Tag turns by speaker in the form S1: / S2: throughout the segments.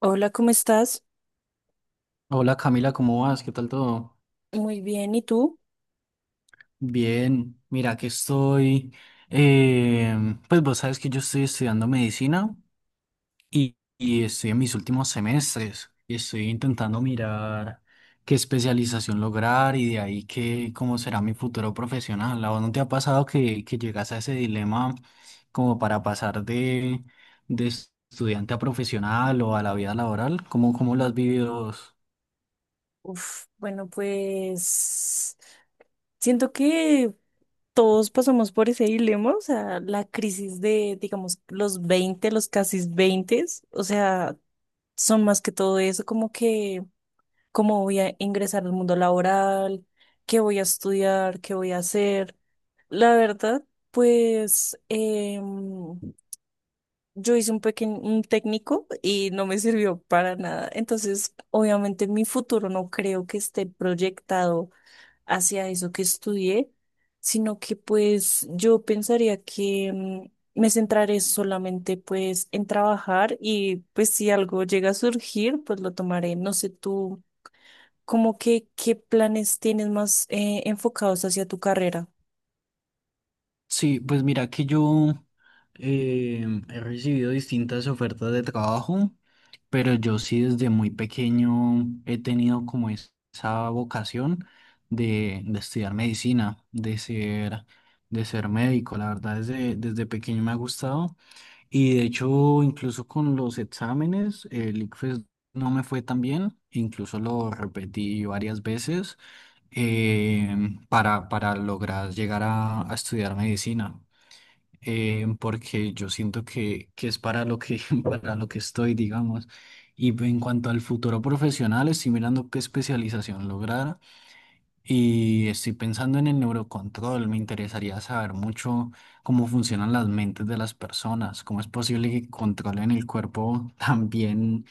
S1: Hola, ¿cómo estás?
S2: Hola Camila, ¿cómo vas? ¿Qué tal todo?
S1: Muy bien, ¿y tú?
S2: Bien, mira que estoy, pues vos sabes que yo estoy estudiando medicina y estoy en mis últimos semestres y estoy intentando mirar qué especialización lograr y de ahí qué cómo será mi futuro profesional. ¿A vos no te ha pasado que llegas a ese dilema como para pasar de estudiante a profesional o a la vida laboral? ¿Cómo, cómo lo has vivido vos?
S1: Uf, bueno, pues siento que todos pasamos por ese dilema, o sea, la crisis de, digamos, los 20, los casi 20, o sea, son más que todo eso, como que, cómo voy a ingresar al mundo laboral, qué voy a estudiar, qué voy a hacer. La verdad, pues, yo hice un pequeño, un técnico y no me sirvió para nada. Entonces, obviamente, mi futuro no creo que esté proyectado hacia eso que estudié, sino que pues yo pensaría que me centraré solamente pues en trabajar y pues si algo llega a surgir, pues lo tomaré. No sé tú, ¿cómo que qué planes tienes más enfocados hacia tu carrera?
S2: Sí, pues mira que yo he recibido distintas ofertas de trabajo, pero yo sí desde muy pequeño he tenido como esa vocación de estudiar medicina, de ser médico. La verdad, desde, desde pequeño me ha gustado y de hecho incluso con los exámenes, el ICFES no me fue tan bien, incluso lo repetí varias veces eh, para lograr llegar a estudiar medicina, porque yo siento que es para lo que, para lo que estoy, digamos. Y en cuanto al futuro profesional, estoy mirando qué especialización lograr y estoy pensando en el neurocontrol. Me interesaría saber mucho cómo funcionan las mentes de las personas, cómo es posible que controlen el cuerpo también,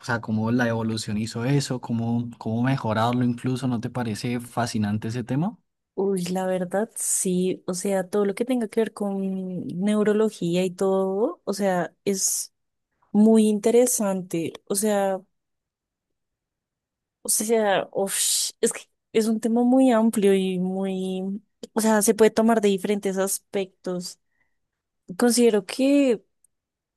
S2: o sea, cómo la evolución hizo eso, cómo, cómo mejorarlo incluso. ¿No te parece fascinante ese tema?
S1: Uy, la verdad, sí, o sea, todo lo que tenga que ver con neurología y todo, o sea, es muy interesante, o sea, uf, es que es un tema muy amplio y muy, o sea, se puede tomar de diferentes aspectos. Considero que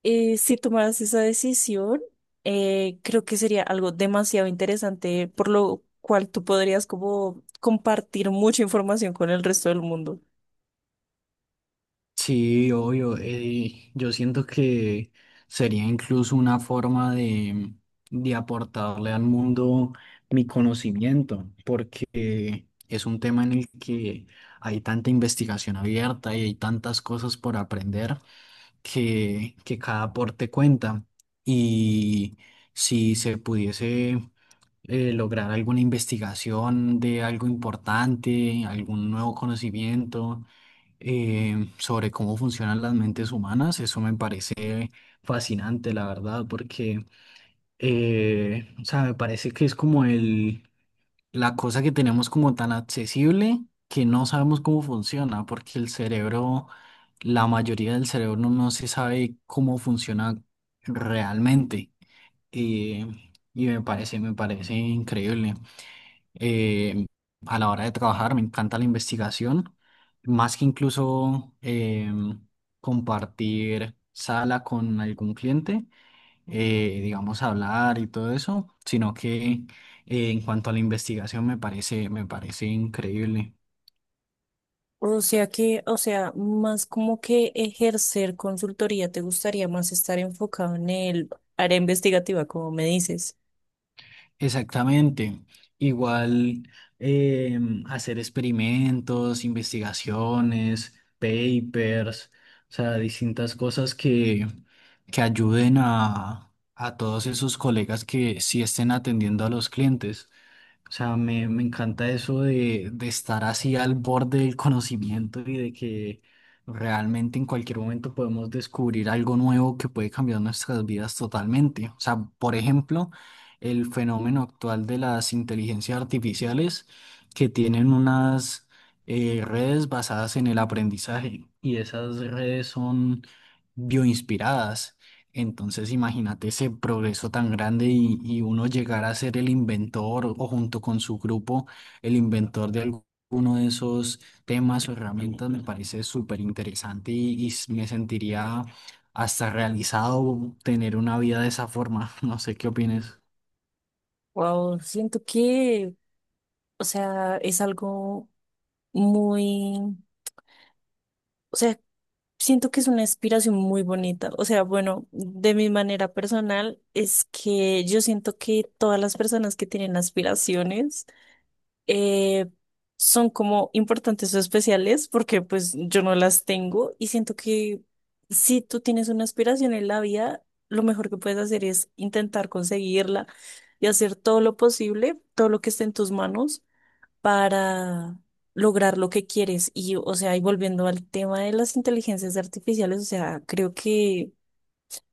S1: si tomaras esa decisión, creo que sería algo demasiado interesante, por lo cual tú podrías como compartir mucha información con el resto del mundo.
S2: Sí, obvio. Yo siento que sería incluso una forma de aportarle al mundo mi conocimiento, porque es un tema en el que hay tanta investigación abierta y hay tantas cosas por aprender que cada aporte cuenta. Y si se pudiese lograr alguna investigación de algo importante, algún nuevo conocimiento, sobre cómo funcionan las mentes humanas. Eso me parece fascinante, la verdad, porque, o sea, me parece que es como el, la cosa que tenemos como tan accesible que no sabemos cómo funciona, porque el cerebro, la mayoría del cerebro no se sabe cómo funciona realmente. Eh, y me parece increíble, eh, a la hora de trabajar, me encanta la investigación, más que incluso compartir sala con algún cliente, digamos, hablar y todo eso, sino que en cuanto a la investigación me parece increíble.
S1: O sea que, o sea, más como que ejercer consultoría, ¿te gustaría más estar enfocado en el área investigativa, como me dices?
S2: Exactamente. Igual eh, hacer experimentos, investigaciones, papers, o sea, distintas cosas que ayuden a todos esos colegas que sí estén atendiendo a los clientes. O sea, me encanta eso de estar así al borde del conocimiento y de que realmente en cualquier momento podemos descubrir algo nuevo que puede cambiar nuestras vidas totalmente. O sea, por ejemplo, el fenómeno actual de las inteligencias artificiales que tienen unas redes basadas en el aprendizaje y esas redes son bioinspiradas. Entonces, imagínate ese progreso tan grande y uno llegar a ser el inventor o junto con su grupo, el inventor de alguno de esos temas o herramientas, me parece súper interesante y, me sentiría hasta realizado tener una vida de esa forma. No sé qué opines.
S1: Wow, siento que, o sea, es algo muy, o sea, siento que es una inspiración muy bonita. O sea, bueno, de mi manera personal es que yo siento que todas las personas que tienen aspiraciones eh, son como importantes o especiales porque pues yo no las tengo y siento que si tú tienes una aspiración en la vida, lo mejor que puedes hacer es intentar conseguirla y hacer todo lo posible, todo lo que esté en tus manos para lograr lo que quieres. Y, o sea, y volviendo al tema de las inteligencias artificiales, o sea, creo que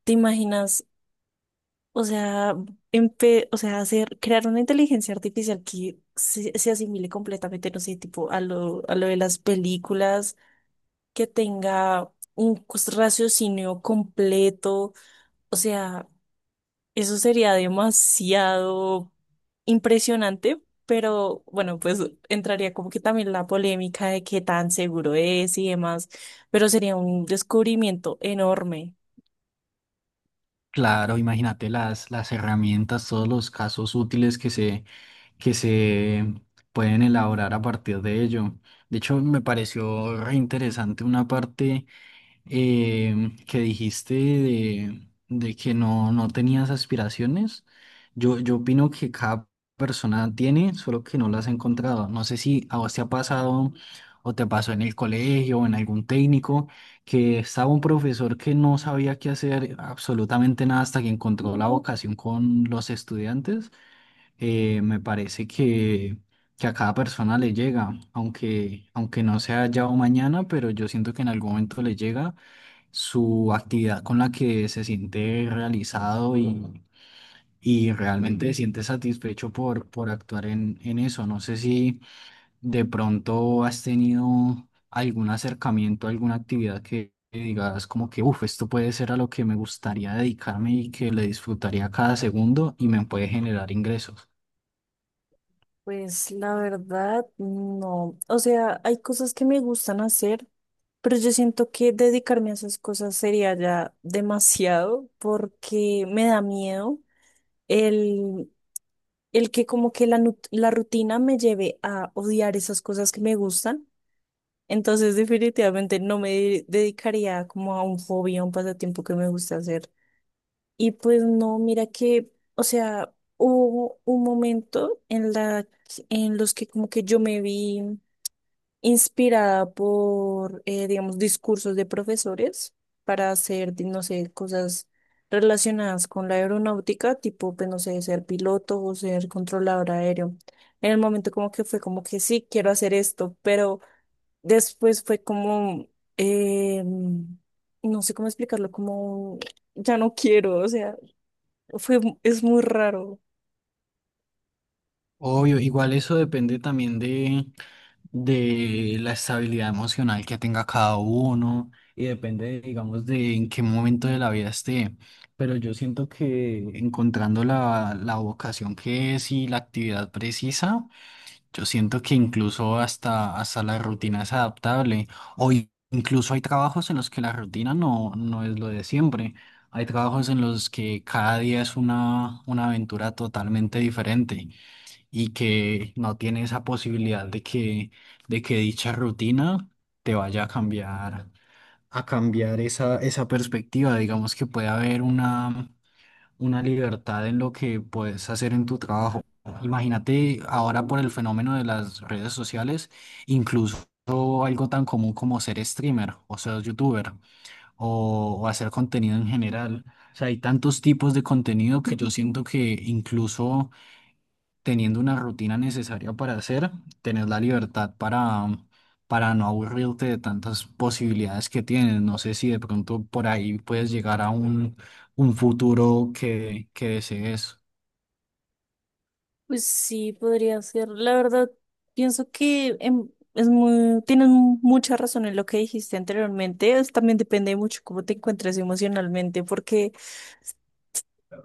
S1: te imaginas, o sea, o sea, hacer, crear una inteligencia artificial que se asimile completamente, no sé, tipo a lo de las películas, que tenga un raciocinio completo, o sea, eso sería demasiado impresionante, pero bueno, pues entraría como que también la polémica de qué tan seguro es y demás, pero sería un descubrimiento enorme.
S2: Claro, imagínate las herramientas, todos los casos útiles que se pueden elaborar a partir de ello. De hecho, me pareció re interesante una parte, eh, que dijiste de que no tenías aspiraciones. Yo opino que cada persona tiene, solo que no las ha encontrado. No sé si a vos te ha pasado o te pasó en el colegio o en algún técnico, que estaba un profesor que no sabía qué hacer absolutamente nada hasta que encontró la vocación con los estudiantes. Me parece que a cada persona le llega, aunque, aunque no sea ya o mañana, pero yo siento que en algún momento le llega su actividad con la que se siente realizado y realmente se siente satisfecho por actuar en eso. No sé si de pronto has tenido algún acercamiento, alguna actividad que digas como que, uff, esto puede ser a lo que me gustaría dedicarme y que le disfrutaría cada segundo y me puede generar ingresos.
S1: Pues la verdad, no. O sea, hay cosas que me gustan hacer, pero yo siento que dedicarme a esas cosas sería ya demasiado porque me da miedo el, el que como que la, la rutina me lleve a odiar esas cosas que me gustan. Entonces, definitivamente no me dedicaría como a un hobby, a un pasatiempo que me gusta hacer. Y pues no, mira que, o sea, hubo un momento en la, en los que como que yo me vi inspirada por, digamos, discursos de profesores para hacer, no sé, cosas relacionadas con la aeronáutica, tipo, pues no sé, ser piloto o ser controlador aéreo. En el momento como que fue como que sí, quiero hacer esto, pero después fue como, no sé cómo explicarlo, como ya no quiero, o sea, fue, es muy raro.
S2: Obvio, igual eso depende también de la estabilidad emocional que tenga cada uno y depende, digamos, de en qué momento de la vida esté. Pero yo siento que encontrando la, la vocación que es y la actividad precisa, yo siento que incluso hasta, hasta la rutina es adaptable. O incluso hay trabajos en los que la rutina no es lo de siempre. Hay trabajos en los que cada día es una aventura totalmente diferente y que no tiene esa posibilidad de que dicha rutina te vaya a cambiar esa, esa perspectiva. Digamos que puede haber una libertad en lo que puedes hacer en tu trabajo. Imagínate ahora por el fenómeno de las redes sociales, incluso algo tan común como ser streamer o ser youtuber o hacer contenido en general. O sea, hay tantos tipos de contenido que yo siento que incluso teniendo una rutina necesaria para hacer, tener la libertad para, para no aburrirte de tantas posibilidades que tienes. No sé si de pronto por ahí puedes llegar a un futuro que desees.
S1: Pues sí, podría ser. La verdad, pienso que es muy, tienes mucha razón en lo que dijiste anteriormente. También depende mucho cómo te encuentres emocionalmente, porque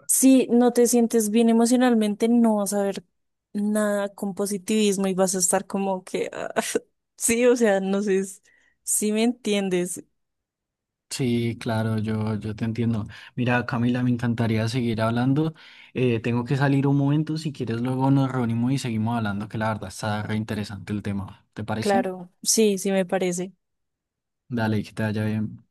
S1: si no te sientes bien emocionalmente, no vas a ver nada con positivismo y vas a estar como que, ah, sí, o sea, no sé si me entiendes.
S2: Sí, claro, yo te entiendo. Mira, Camila, me encantaría seguir hablando. Tengo que salir un momento. Si quieres, luego nos reunimos y seguimos hablando, que la verdad está re interesante el tema. ¿Te parece?
S1: Claro, sí, sí me parece.
S2: Dale, que te vaya bien.